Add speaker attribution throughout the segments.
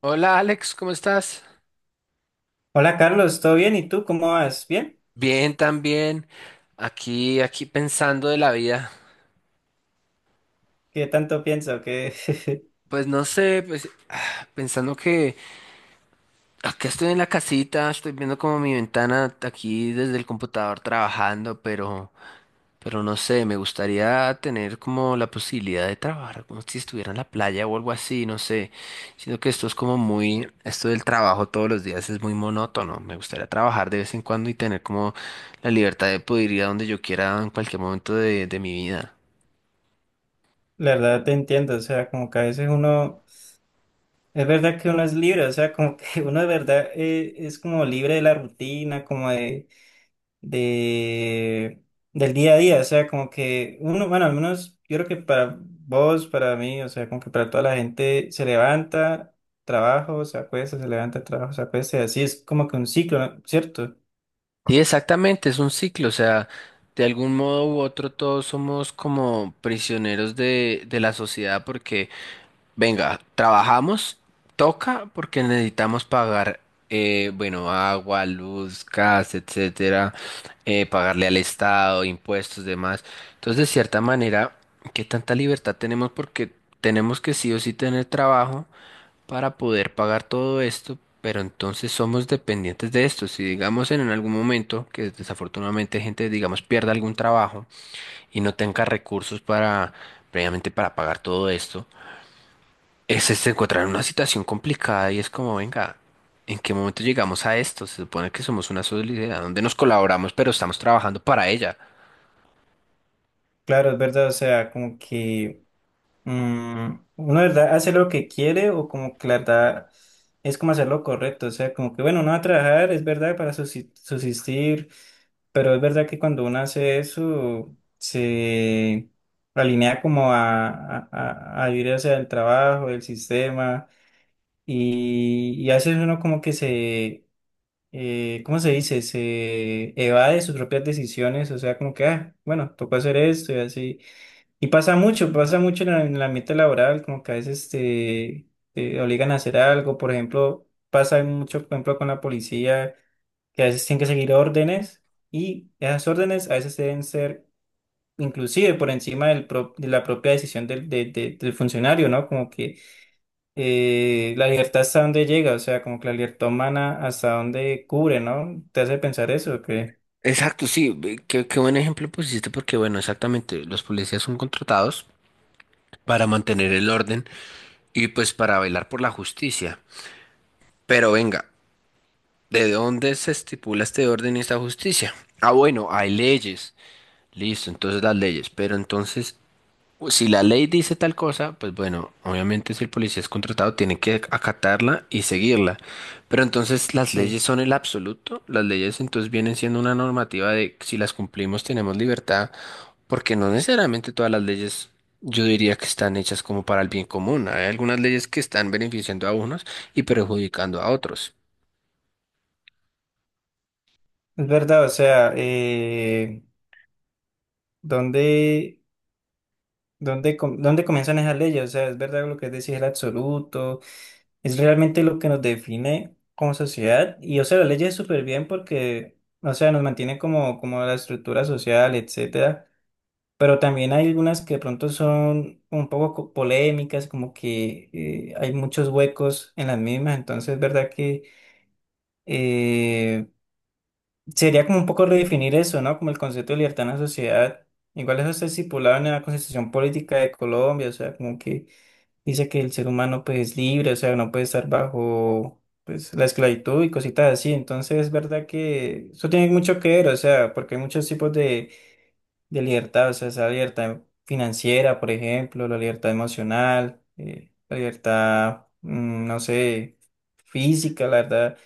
Speaker 1: Hola Alex, ¿cómo estás?
Speaker 2: Hola Carlos, ¿todo bien? ¿Y tú cómo vas? ¿Bien?
Speaker 1: Bien, también. Aquí pensando de la vida.
Speaker 2: ¿Qué tanto pienso? Que
Speaker 1: Pues no sé, pues pensando que acá estoy en la casita, estoy viendo como mi ventana aquí desde el computador trabajando, pero pero no sé, me gustaría tener como la posibilidad de trabajar como si estuviera en la playa o algo así, no sé. Sino que esto es como muy, esto del trabajo todos los días es muy monótono. Me gustaría trabajar de vez en cuando y tener como la libertad de poder ir a donde yo quiera en cualquier momento de mi vida.
Speaker 2: la verdad te entiendo, o sea, como que a veces uno, es verdad que uno es libre, o sea, como que uno de verdad es como libre de la rutina, como de, del día a día, o sea, como que uno, bueno, al menos yo creo que para vos, para mí, o sea, como que para toda la gente se levanta, trabajo, se acuesta, se levanta, trabajo, se acuesta, y así es como que un ciclo, ¿no? ¿Cierto?
Speaker 1: Sí, exactamente, es un ciclo, o sea, de algún modo u otro todos somos como prisioneros de la sociedad porque venga, trabajamos, toca porque necesitamos pagar, bueno, agua, luz, gas, etcétera, pagarle al Estado, impuestos, demás. Entonces, de cierta manera, ¿qué tanta libertad tenemos? Porque tenemos que sí o sí tener trabajo para poder pagar todo esto, pero entonces somos dependientes de esto. Si digamos en algún momento que desafortunadamente gente, digamos, pierda algún trabajo y no tenga recursos para, previamente para pagar todo esto es este en una situación complicada y es como, venga, ¿en qué momento llegamos a esto? Se supone que somos una sociedad donde nos colaboramos, pero estamos trabajando para ella.
Speaker 2: Claro, es verdad, o sea, como que... uno, de ¿verdad? Hace lo que quiere o como que la verdad es como hacer lo correcto. O sea, como que bueno, uno va a trabajar, es verdad, para subsistir, pero es verdad que cuando uno hace eso, se alinea como a vivir hacia el trabajo, el sistema, y a veces uno como que se, ¿cómo se dice? Se evade sus propias decisiones, o sea, como que, ah, bueno, tocó hacer esto y así. Y pasa mucho en en el ambiente laboral, como que a veces te obligan a hacer algo, por ejemplo, pasa mucho, por ejemplo, con la policía, que a veces tienen que seguir órdenes y esas órdenes a veces deben ser inclusive por encima de la propia decisión del funcionario, ¿no? Como que la libertad hasta dónde llega, o sea, como que la libertad humana hasta dónde cubre, ¿no? ¿Te hace pensar eso? Que
Speaker 1: Exacto, sí, qué buen ejemplo pusiste porque, bueno, exactamente, los policías son contratados para mantener el orden y pues para velar por la justicia. Pero venga, ¿de dónde se estipula este orden y esta justicia? Ah, bueno, hay leyes. Listo, entonces las leyes. Pero entonces, si la ley dice tal cosa, pues bueno, obviamente si el policía es contratado tiene que acatarla y seguirla. Pero entonces las leyes
Speaker 2: sí,
Speaker 1: son el absoluto, las leyes entonces vienen siendo una normativa de si las cumplimos tenemos libertad, porque no necesariamente todas las leyes yo diría que están hechas como para el bien común. Hay algunas leyes que están beneficiando a unos y perjudicando a otros.
Speaker 2: es verdad, o sea, ¿dónde... ¿Dónde, dónde comienzan esas leyes? O sea, es verdad lo que decís, el absoluto, es realmente lo que nos define como sociedad. Y, o sea, las leyes súper bien porque, o sea, nos mantienen como, como la estructura social, etcétera. Pero también hay algunas que de pronto son un poco polémicas, como que hay muchos huecos en las mismas. Entonces, es verdad que eh, sería como un poco redefinir eso, ¿no? Como el concepto de libertad en la sociedad. Igual eso está estipulado en la Constitución Política de Colombia, o sea, como que dice que el ser humano pues es libre, o sea, no puede estar bajo pues la esclavitud y cositas así. Entonces es verdad que eso tiene mucho que ver, o sea, porque hay muchos tipos de libertad, o sea, esa libertad financiera, por ejemplo, la libertad emocional, la libertad, mm, no sé, física, la verdad,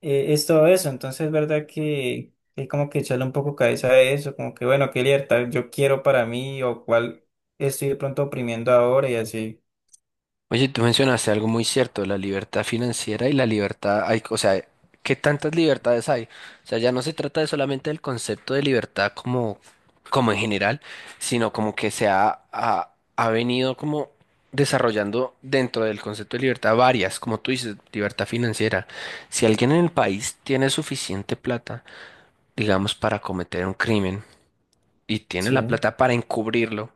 Speaker 2: es todo eso. Entonces es verdad que... Hay como que echarle un poco cabeza a eso, como que bueno, qué libertad yo quiero para mí o cuál estoy de pronto oprimiendo ahora y así.
Speaker 1: Oye, tú mencionaste algo muy cierto, la libertad financiera y la libertad, hay, o sea, ¿qué tantas libertades hay? O sea, ya no se trata de solamente del concepto de libertad como, como en general, sino como que se ha venido como desarrollando dentro del concepto de libertad varias, como tú dices, libertad financiera. Si alguien en el país tiene suficiente plata, digamos, para cometer un crimen y tiene la
Speaker 2: Sí.
Speaker 1: plata para encubrirlo,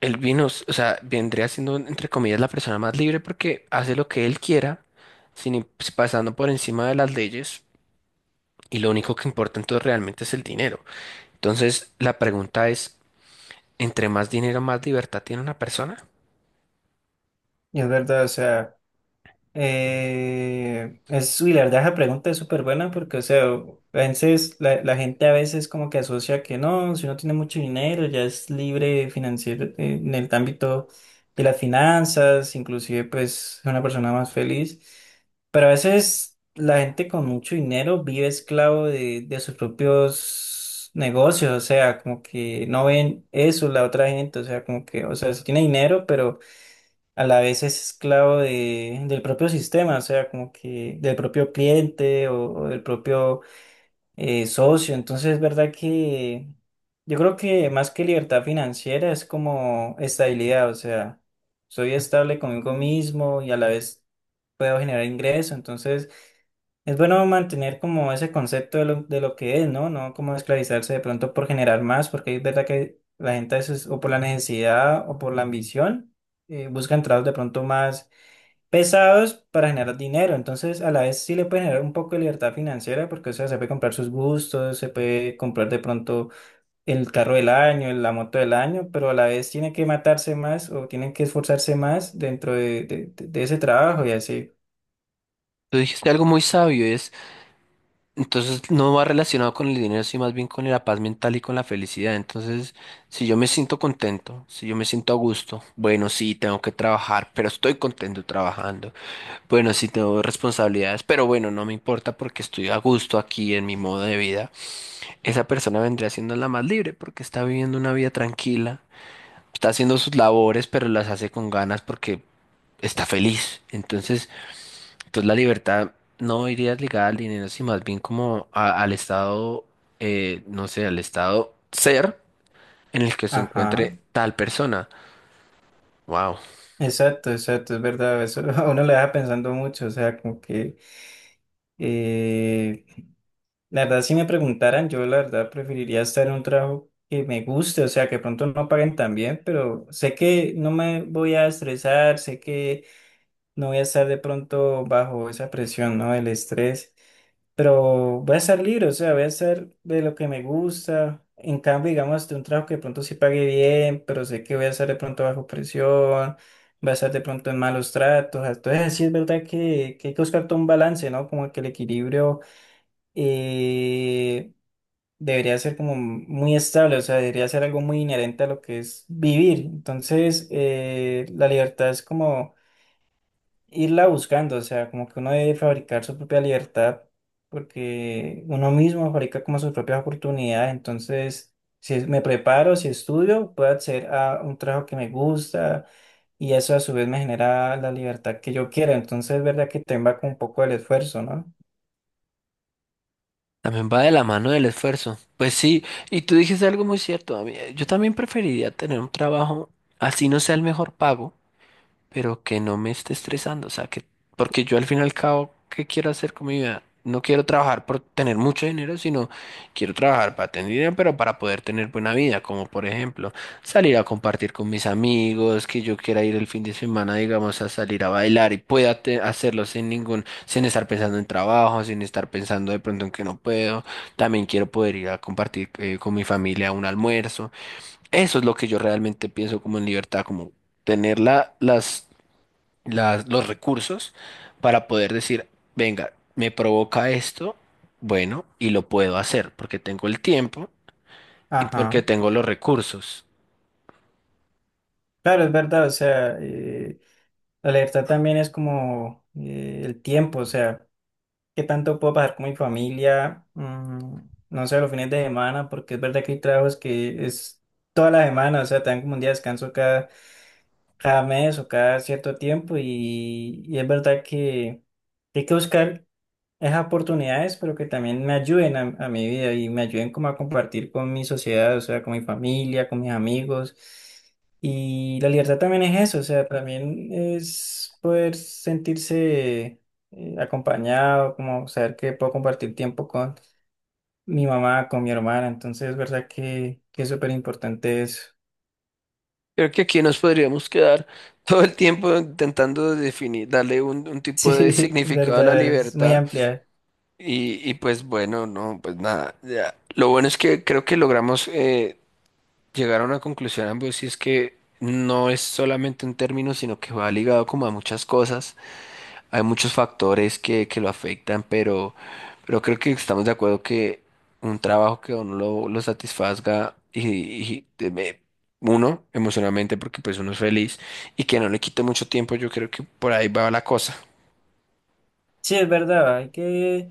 Speaker 1: o sea, vendría siendo, entre comillas, la persona más libre porque hace lo que él quiera, sin im- pues, pasando por encima de las leyes, y lo único que importa entonces realmente es el dinero. Entonces, la pregunta es, ¿entre más dinero, más libertad tiene una persona?
Speaker 2: Es verdad, o sea, es, y la verdad esa pregunta es súper buena porque, o sea, a veces la gente a veces como que asocia que no, si uno tiene mucho dinero ya es libre financiero en el ámbito de las finanzas, inclusive pues es una persona más feliz, pero a veces la gente con mucho dinero vive esclavo de sus propios negocios, o sea, como que no ven eso la otra gente, o sea, como que, o sea, si tiene dinero, pero a la vez es esclavo de, del propio sistema, o sea, como que del propio cliente o del propio socio. Entonces, es verdad que yo creo que más que libertad financiera es como estabilidad, o sea, soy estable conmigo mismo y a la vez puedo generar ingreso. Entonces, es bueno mantener como ese concepto de lo que es, ¿no? No como esclavizarse de pronto por generar más, porque es verdad que la gente a veces, o por la necesidad o por la ambición, buscan trabajos de pronto más pesados para generar dinero. Entonces, a la vez sí le puede generar un poco de libertad financiera, porque, o sea, se puede comprar sus gustos, se puede comprar de pronto el carro del año, la moto del año, pero a la vez tiene que matarse más o tienen que esforzarse más dentro de, de ese trabajo y así.
Speaker 1: Tú dijiste algo muy sabio, es, entonces no va relacionado con el dinero, sino más bien con la paz mental y con la felicidad. Entonces, si yo me siento contento, si yo me siento a gusto, bueno, sí, tengo que trabajar, pero estoy contento trabajando. Bueno, sí tengo responsabilidades, pero bueno, no me importa porque estoy a gusto aquí en mi modo de vida. Esa persona vendría siendo la más libre porque está viviendo una vida tranquila, está haciendo sus labores, pero las hace con ganas porque está feliz. Entonces, entonces la libertad no iría ligada al dinero, sino más bien como al estado, no sé, al estado ser en el que se encuentre
Speaker 2: Ajá.
Speaker 1: tal persona. Wow.
Speaker 2: Exacto, exacto, es verdad, eso a uno le deja pensando mucho, o sea, como que eh, la verdad si me preguntaran, yo la verdad preferiría estar en un trabajo que me guste, o sea, que pronto no paguen tan bien, pero sé que no me voy a estresar, sé que no voy a estar de pronto bajo esa presión, ¿no? El estrés pero voy a estar libre, o sea, voy a estar de lo que me gusta. En cambio, digamos, de un trabajo que de pronto sí pague bien, pero sé que voy a estar de pronto bajo presión, voy a estar de pronto en malos tratos. Entonces, sí es verdad que hay que buscar todo un balance, ¿no? Como que el equilibrio eh, debería ser como muy estable, o sea, debería ser algo muy inherente a lo que es vivir. Entonces, la libertad es como irla buscando, o sea, como que uno debe fabricar su propia libertad, porque uno mismo fabrica como sus propias oportunidades. Entonces, si me preparo, si estudio, puedo acceder a un trabajo que me gusta y eso a su vez me genera la libertad que yo quiero, entonces es verdad que te va con un poco del esfuerzo, ¿no?
Speaker 1: También va de la mano del esfuerzo. Pues sí, y tú dijiste algo muy cierto. A mí, yo también preferiría tener un trabajo así no sea el mejor pago pero que no me esté estresando, o sea, que, porque yo al fin y al cabo, ¿qué quiero hacer con mi vida? No quiero trabajar por tener mucho dinero, sino quiero trabajar para tener dinero, pero para poder tener buena vida, como por ejemplo salir a compartir con mis amigos, que yo quiera ir el fin de semana, digamos, a salir a bailar y pueda hacerlo sin ningún, sin estar pensando en trabajo, sin estar pensando de pronto en que no puedo. También quiero poder ir a compartir con mi familia un almuerzo. Eso es lo que yo realmente pienso como en libertad, como tener las los recursos para poder decir, venga, me provoca esto, bueno, y lo puedo hacer porque tengo el tiempo y porque
Speaker 2: Ajá,
Speaker 1: tengo los recursos.
Speaker 2: claro, es verdad, o sea, la libertad también es como el tiempo, o sea, qué tanto puedo pasar con mi familia, mm, no sé, los fines de semana, porque es verdad que hay trabajos que es toda la semana, o sea, te dan como un día de descanso cada, cada mes o cada cierto tiempo y es verdad que hay que buscar esas oportunidades, pero que también me ayuden a mi vida y me ayuden como a compartir con mi sociedad, o sea, con mi familia, con mis amigos. Y la libertad también es eso, o sea, también es poder sentirse acompañado, como saber que puedo compartir tiempo con mi mamá, con mi hermana, entonces es verdad que es súper importante eso.
Speaker 1: Creo que aquí nos podríamos quedar todo el tiempo intentando definir, darle un
Speaker 2: Sí,
Speaker 1: tipo de
Speaker 2: es
Speaker 1: significado a la
Speaker 2: verdad, es muy
Speaker 1: libertad
Speaker 2: amplia.
Speaker 1: y pues bueno, no, pues nada, ya. Lo bueno es que creo que logramos llegar a una conclusión ambos y es que no es solamente un término, sino que va ligado como a muchas cosas. Hay muchos factores que lo afectan, pero creo que estamos de acuerdo que un trabajo que a uno lo satisfazga y, y de- me- uno emocionalmente porque pues uno es feliz y que no le quite mucho tiempo, yo creo que por ahí va la cosa.
Speaker 2: Sí, es verdad, hay que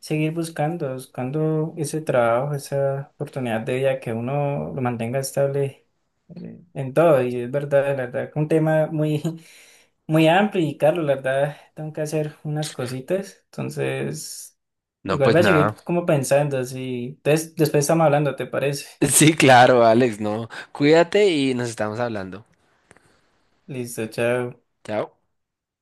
Speaker 2: seguir buscando, buscando ese trabajo, esa oportunidad de vida que uno lo mantenga estable en todo. Y es verdad, la verdad, que un tema muy, muy amplio. Y Carlos, la verdad, tengo que hacer unas cositas. Entonces,
Speaker 1: No,
Speaker 2: igual
Speaker 1: pues
Speaker 2: voy a seguir
Speaker 1: nada.
Speaker 2: como pensando. Así, entonces, después estamos hablando, ¿te parece?
Speaker 1: Sí, claro, Alex, no. Cuídate y nos estamos hablando.
Speaker 2: Listo, chao.
Speaker 1: Chao.